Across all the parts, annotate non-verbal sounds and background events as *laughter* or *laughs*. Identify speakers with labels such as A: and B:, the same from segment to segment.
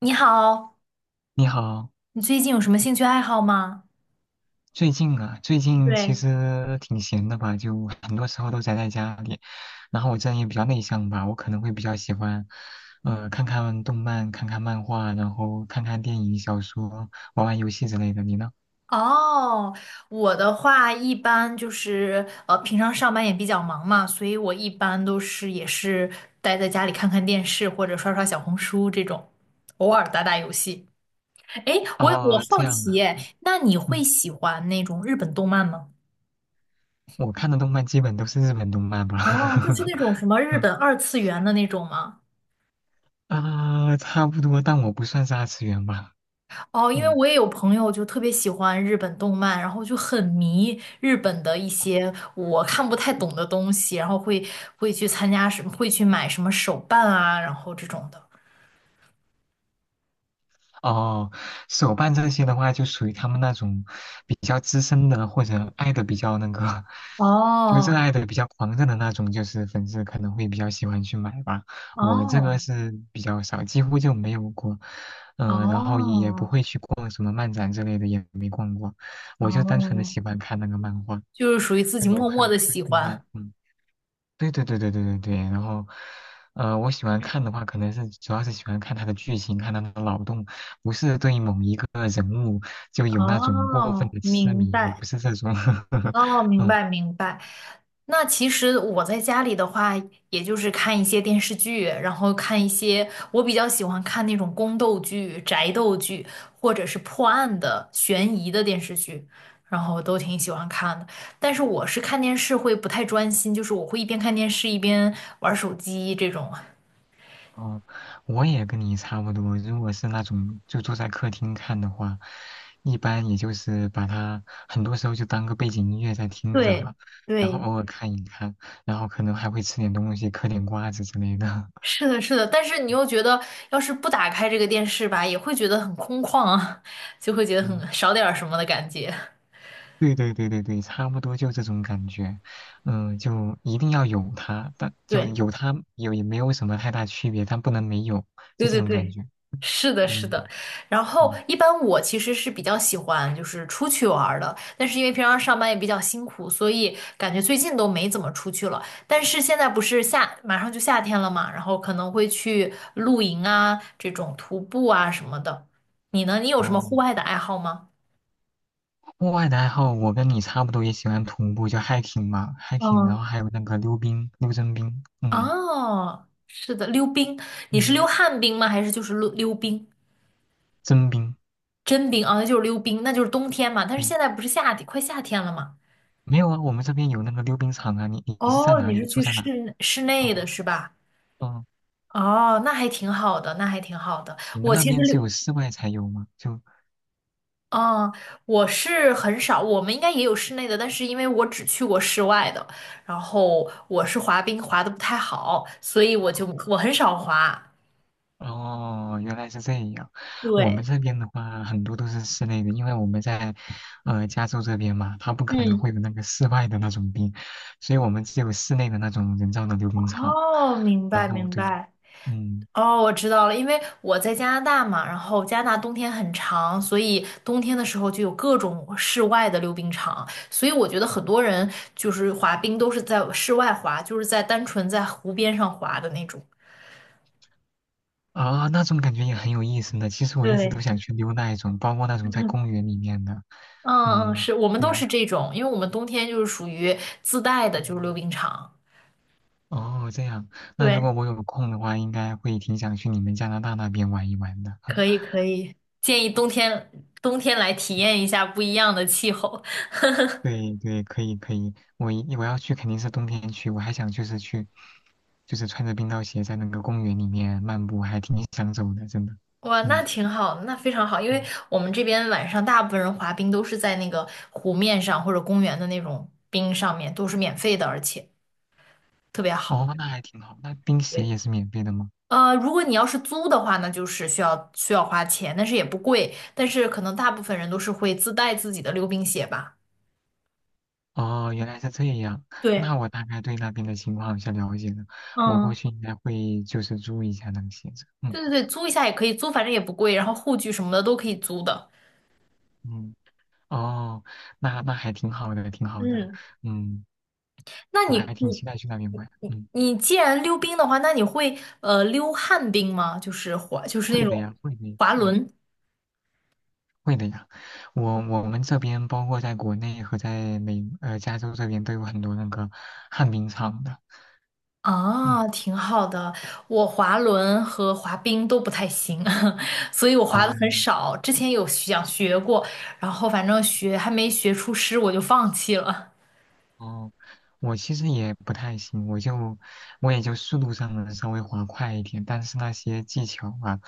A: 你好，
B: 你好。
A: 你最近有什么兴趣爱好吗？
B: 最近其
A: 对，
B: 实挺闲的吧，就很多时候都宅在家里。然后我这人也比较内向吧，我可能会比较喜欢，看看动漫，看看漫画，然后看看电影、小说，玩玩游戏之类的。你呢？
A: 哦，我的话一般就是平常上班也比较忙嘛，所以我一般也是待在家里看看电视或者刷刷小红书这种，偶尔打打游戏。哎，我
B: 哦，这
A: 好
B: 样
A: 奇
B: 啊。
A: 耶，那你会
B: 嗯，
A: 喜欢那种日本动漫吗？
B: 我看的动漫基本都是日本动漫吧。
A: 哦，就是那种
B: *laughs*
A: 什么日
B: 嗯，
A: 本二次元的那种吗？
B: 啊，差不多，但我不算是二次元吧。
A: 哦，因为
B: 嗯。
A: 我也有朋友就特别喜欢日本动漫，然后就很迷日本的一些我看不太懂的东西，然后会去参加什么，会去买什么手办啊，然后这种的。
B: 哦，手办这些的话，就属于他们那种比较资深的，或者爱的比较那个，*laughs* 就热
A: 哦
B: 爱的比较狂热的那种，就是粉丝可能会比较喜欢去买吧。我这
A: 哦
B: 个是比较少，几乎就没有过，呃，
A: 哦
B: 没逛过。我就单纯的
A: 哦，
B: 喜欢看那个漫画，
A: 就是属于自
B: 没
A: 己
B: 有
A: 默
B: 看，
A: 默的
B: 对，
A: 喜欢。
B: 嗯。对对对对对对对，然后，我喜欢看的话，可能是主要是喜欢看他的剧情，看他的脑洞，不是对某一个人物就有那种过分
A: 哦，
B: 的痴
A: 明
B: 迷，我
A: 白。
B: 不是这种。*laughs*
A: 哦，明
B: 嗯。
A: 白明白。那其实我在家里的话，也就是看一些电视剧，然后看一些我比较喜欢看那种宫斗剧、宅斗剧，或者是破案的、悬疑的电视剧，然后都挺喜欢看的。但是我是看电视会不太专心，就是我会一边看电视一边玩手机这种。
B: 哦，我也跟你差不多，如果是那种就坐在客厅看的话，一般也就是把它很多时候就当个背景音乐在听着
A: 对
B: 嘛，然后
A: 对，
B: 偶尔看一看，然后可能还会吃点东西，嗑点瓜子之类的。
A: 是的，是的。但是你又觉得，要是不打开这个电视吧，也会觉得很空旷啊，*laughs* 就会觉得
B: *laughs* 嗯。
A: 很少点儿什么的感觉。
B: 对对对对对，差不多就这种感觉。嗯，就一定要有它，但就
A: 对
B: 有它有也没有什么太大区别，但不能没有，就
A: 对
B: 这
A: 对
B: 种感
A: 对，
B: 觉。
A: 是的，是
B: 嗯
A: 的。然后
B: 嗯。
A: 一般我其实是比较喜欢就是出去玩儿的，但是因为平常上班也比较辛苦，所以感觉最近都没怎么出去了。但是现在不是夏，马上就夏天了嘛，然后可能会去露营啊，这种徒步啊什么的。你呢？你有什么户
B: 哦，
A: 外的爱好吗？
B: 户外的爱好我跟你差不多，也喜欢徒步，就 hiking 嘛，hiking，然
A: 嗯，
B: 后还有那个溜冰、溜真冰。嗯
A: 哦，是的，溜冰。你是溜
B: 嗯，
A: 旱冰吗？还是就是溜溜冰？
B: 真冰，
A: 真冰啊，那就是溜冰，那就是冬天嘛。但是
B: 对。
A: 现在不是夏天，快夏天了嘛。
B: 没有啊，我们这边有那个溜冰场啊，你是在
A: 哦，
B: 哪
A: 你是
B: 里？住
A: 去
B: 在哪？
A: 室内的
B: 哦。
A: 是吧？
B: 哦，
A: 哦，那还挺好的，那还挺好的。
B: 你们
A: 我
B: 那
A: 其实
B: 边
A: 溜，
B: 只有室外才有吗？就。
A: 嗯，我是很少，我们应该也有室内的，但是因为我只去过室外的，然后我是滑冰滑的不太好，所以我很少滑。
B: 哦，原来是这样。我们
A: 对，
B: 这边的话，很多都是室内的，因为我们在加州这边嘛，它不可能
A: 嗯，
B: 会有那个室外的那种冰，所以我们只有室内的那种人造的溜冰场。
A: 哦，明
B: 然
A: 白
B: 后
A: 明
B: 对。
A: 白。
B: 嗯。
A: 哦，我知道了，因为我在加拿大嘛，然后加拿大冬天很长，所以冬天的时候就有各种室外的溜冰场，所以我觉得很多人就是滑冰都是在室外滑，就是在单纯在湖边上滑的那种。
B: 啊，那种感觉也很有意思呢。其实我一直
A: 对，
B: 都想去溜那一种，包括那种在
A: 嗯
B: 公园里面的。
A: 嗯，
B: 嗯，
A: 是我们
B: 对
A: 都是
B: 呀、
A: 这种，因为我们冬天就是属于自带的，就是溜冰场。
B: 嗯。哦，这样。
A: *laughs*
B: 那如
A: 对，
B: 果我有空的话，应该会挺想去你们加拿大那边玩一玩的。
A: 可
B: *laughs*
A: 以可以，建议冬天来体验一下不一样的气候。
B: 对对，可以可以，我要去肯定是冬天去，我还想就是去，就是穿着冰刀鞋在那个公园里面漫步，还挺想走的，真的。
A: 哇，那
B: 嗯。
A: 挺好那非常好，因为
B: 嗯。
A: 我们这边晚上大部分人滑冰都是在那个湖面上或者公园的那种冰上面，都是免费的，而且特别好。
B: 哦，那还挺好。那冰鞋
A: 对，
B: 也是免费的吗？
A: 如果你要是租的话，那就是需要花钱，但是也不贵，但是可能大部分人都是会自带自己的溜冰鞋吧。
B: 哦，原来是这样。
A: 对，
B: 那我大概对那边的情况有些了解了，我过
A: 嗯
B: 去应该会就是注意一下那个鞋子。嗯。
A: 对对对，租一下也可以租，反正也不贵，然后护具什么的都可以租的。
B: 嗯，哦，那那还挺好的，挺好的。
A: 嗯。
B: 嗯，
A: 那
B: 我
A: 你
B: 还挺
A: 你
B: 期待去那边玩。
A: 你
B: 嗯，
A: 你既然溜冰的话，那你会溜旱冰吗？就是滑，就是那
B: 会的
A: 种
B: 呀，会的呀。
A: 滑
B: 嗯，
A: 轮
B: 会的呀，我们这边包括在国内和在加州这边都有很多那个旱冰场的。嗯。
A: 啊，挺好的。我滑轮和滑冰都不太行，*laughs* 所以我滑的
B: 哦。
A: 很少。之前有想学过，然后反正学还没学出师，我就放弃了。
B: 哦，我其实也不太行，我也就速度上能稍微滑快一点，但是那些技巧啊，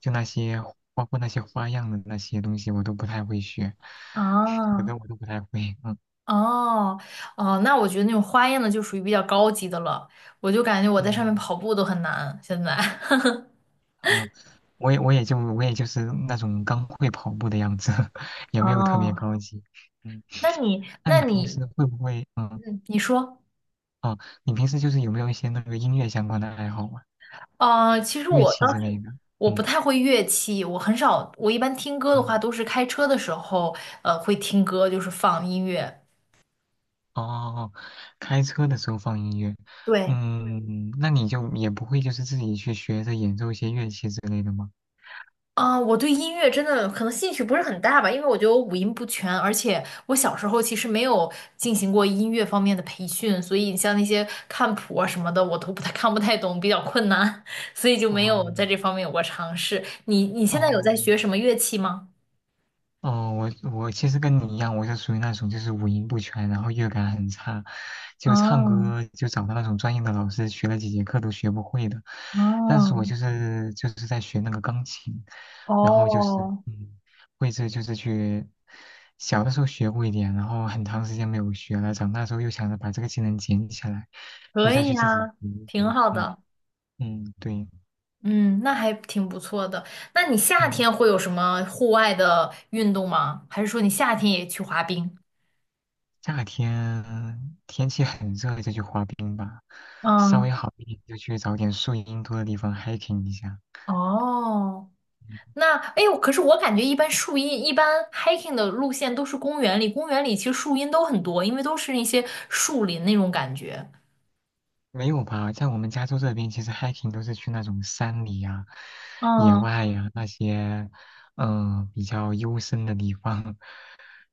B: 就那些包括那些花样的那些东西，我都不太会学。*laughs* 我
A: 啊，
B: 都我都不太会。嗯
A: 哦哦，那我觉得那种花样的就属于比较高级的了，我就感觉我在上面
B: 嗯。
A: 跑步都很难，现在。*laughs*
B: 嗯，我也就是那种刚会跑步的样子。*laughs* 也没有特别
A: 哦，
B: 高级。嗯，
A: 那你，
B: 那
A: 那
B: 你平
A: 你，
B: 时会不会
A: 嗯，你说，
B: 哦，你平时就是有没有一些那个音乐相关的爱好啊？
A: 啊，其实
B: 乐
A: 我
B: 器
A: 当
B: 之
A: 时
B: 类的？
A: 我不
B: 嗯。
A: 太会乐器，我很少，我一般听歌的话
B: 嗯。
A: 都是开车的时候，会听歌，就是放音乐。
B: 哦，开车的时候放音乐。
A: 对，
B: 嗯，那你就也不会就是自己去学着演奏一些乐器之类的吗？
A: 啊、我对音乐真的可能兴趣不是很大吧，因为我觉得我五音不全，而且我小时候其实没有进行过音乐方面的培训，所以像那些看谱啊什么的，我都不太 *laughs* 看不太懂，比较困难，*laughs* 所以就没
B: 哦。
A: 有在这方面有过尝试。你你现在有
B: 哦。
A: 在学什么乐器吗？
B: 哦，我其实跟你一样，我是属于那种就是五音不全，然后乐感很差，就唱
A: 啊。
B: 歌就找到那种专业的老师学了几节课都学不会的。但是
A: 哦
B: 我就是在学那个钢琴，然后就是
A: 哦，
B: 会是就是去小的时候学过一点，然后很长时间没有学了，长大之后又想着把这个技能捡起来，就
A: 可
B: 再
A: 以
B: 去自己
A: 呀，
B: 学一下。
A: 挺好
B: 嗯
A: 的。
B: 嗯，对。
A: 嗯，那还挺不错的。那你夏
B: 嗯。
A: 天会有什么户外的运动吗？还是说你夏天也去滑冰？
B: 夏天天气很热就去滑冰吧，稍微
A: 嗯，
B: 好一点就去找点树荫多的地方 hiking 一下。
A: 哦，那哎呦，可是我感觉一般树荫，一般 hiking 的路线都是公园里，公园里其实树荫都很多，因为都是一些树林那种感觉。
B: 没有吧，在我们加州这边，其实 hiking 都是去那种山里呀、野
A: 嗯，
B: 外呀、那些，比较幽深的地方，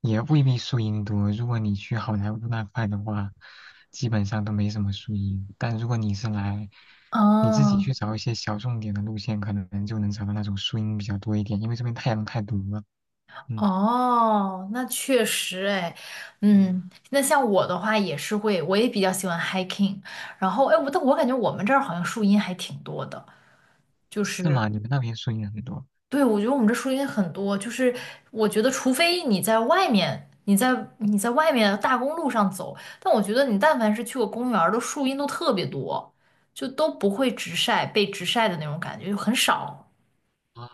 B: 也未必树荫多。如果你去好莱坞那块的话，基本上都没什么树荫。但如果你是来，你自己去
A: 嗯，
B: 找一些小众点的路线，可能就能找到那种树荫比较多一点，因为这边太阳太毒了。嗯。
A: 哦，那确实哎，
B: 嗯，
A: 嗯，那像我的话也是会，我也比较喜欢 hiking，然后哎，但我感觉我们这儿好像树荫还挺多的，就
B: 是
A: 是
B: 吗？你们那边树荫很多。
A: 对，我觉得我们这树荫很多，就是我觉得除非你在外面，你在外面大公路上走，但我觉得你但凡是去过公园儿的树荫都特别多，就都不会直晒，被直晒的那种感觉就很少。
B: 啊，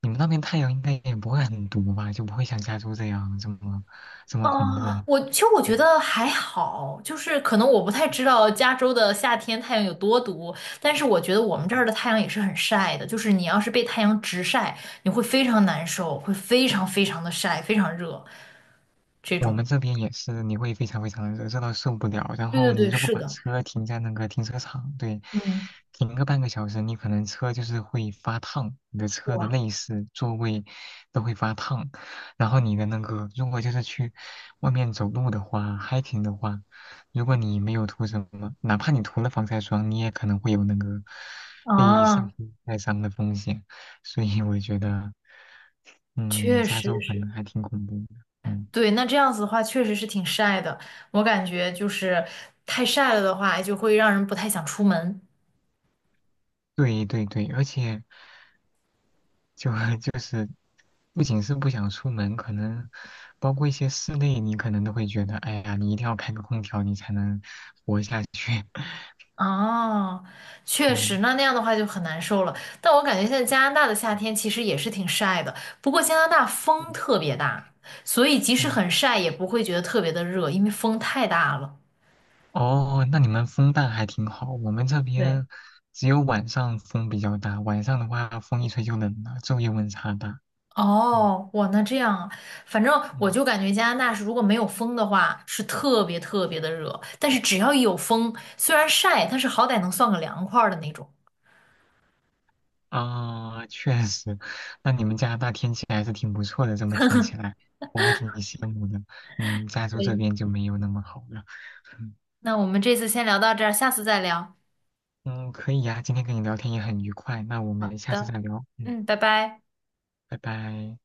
B: 你们那边太阳应该也不会很毒吧？就不会像加州这样这么恐怖。
A: 啊，我其实我觉
B: 嗯，
A: 得还好，就是可能我不太知道加州的夏天太阳有多毒，但是我觉得我们这儿的太阳也是很晒的，就是你要是被太阳直晒，你会非常难受，会非常非常的晒，非常热这
B: 我
A: 种。
B: 们这边也是，你会非常非常热，热到受不了。然
A: 对对
B: 后
A: 对，
B: 你如果
A: 是
B: 把
A: 的，
B: 车停在那个停车场，对，
A: 嗯，
B: 停个半个小时，你可能车就是会发烫，你的车的
A: 哇，
B: 内饰、座位都会发烫。然后你的那个，如果就是去外面走路的话，hiking 的话，如果你没有涂什么，哪怕你涂了防晒霜，你也可能会有那个被晒
A: 啊，
B: 黑晒伤的风险。所以我觉得，嗯，
A: 确
B: 加州
A: 实
B: 可
A: 是，
B: 能还挺恐怖的。嗯。
A: 对，那这样子的话确实是挺晒的，我感觉就是太晒了的话，就会让人不太想出门。
B: 对对对，而且就 *laughs* 就是不仅是不想出门，可能包括一些室内，你可能都会觉得，哎呀，你一定要开个空调，你才能活下去。*laughs*
A: 哦，确实，那
B: 嗯
A: 那样的话就很难受了。但我感觉现在加拿大的夏天其实也是挺晒的，不过加拿大
B: 嗯
A: 风特别大，所以即使
B: 嗯。
A: 很晒也不会觉得特别的热，因为风太大了。
B: 哦，那你们风大还挺好，我们这
A: 对，
B: 边只有晚上风比较大，晚上的话风一吹就冷了，昼夜温差大。嗯
A: 哦，哇，那这样啊，反正我
B: 嗯。
A: 就感觉加拿大是如果没有风的话，是特别特别的热，但是只要一有风，虽然晒，但是好歹能算个凉快儿的那种。
B: 啊，确实，那你们加拿大天气还是挺不错的，这么听起来，我还挺羡慕的。嗯，加州这
A: 对，
B: 边就没有那么好了。
A: 那我们这次先聊到这儿，下次再聊。
B: 嗯，可以呀，今天跟你聊天也很愉快，那我
A: 好
B: 们下次
A: 的。
B: 再聊。嗯，
A: 嗯，拜拜。
B: 拜拜。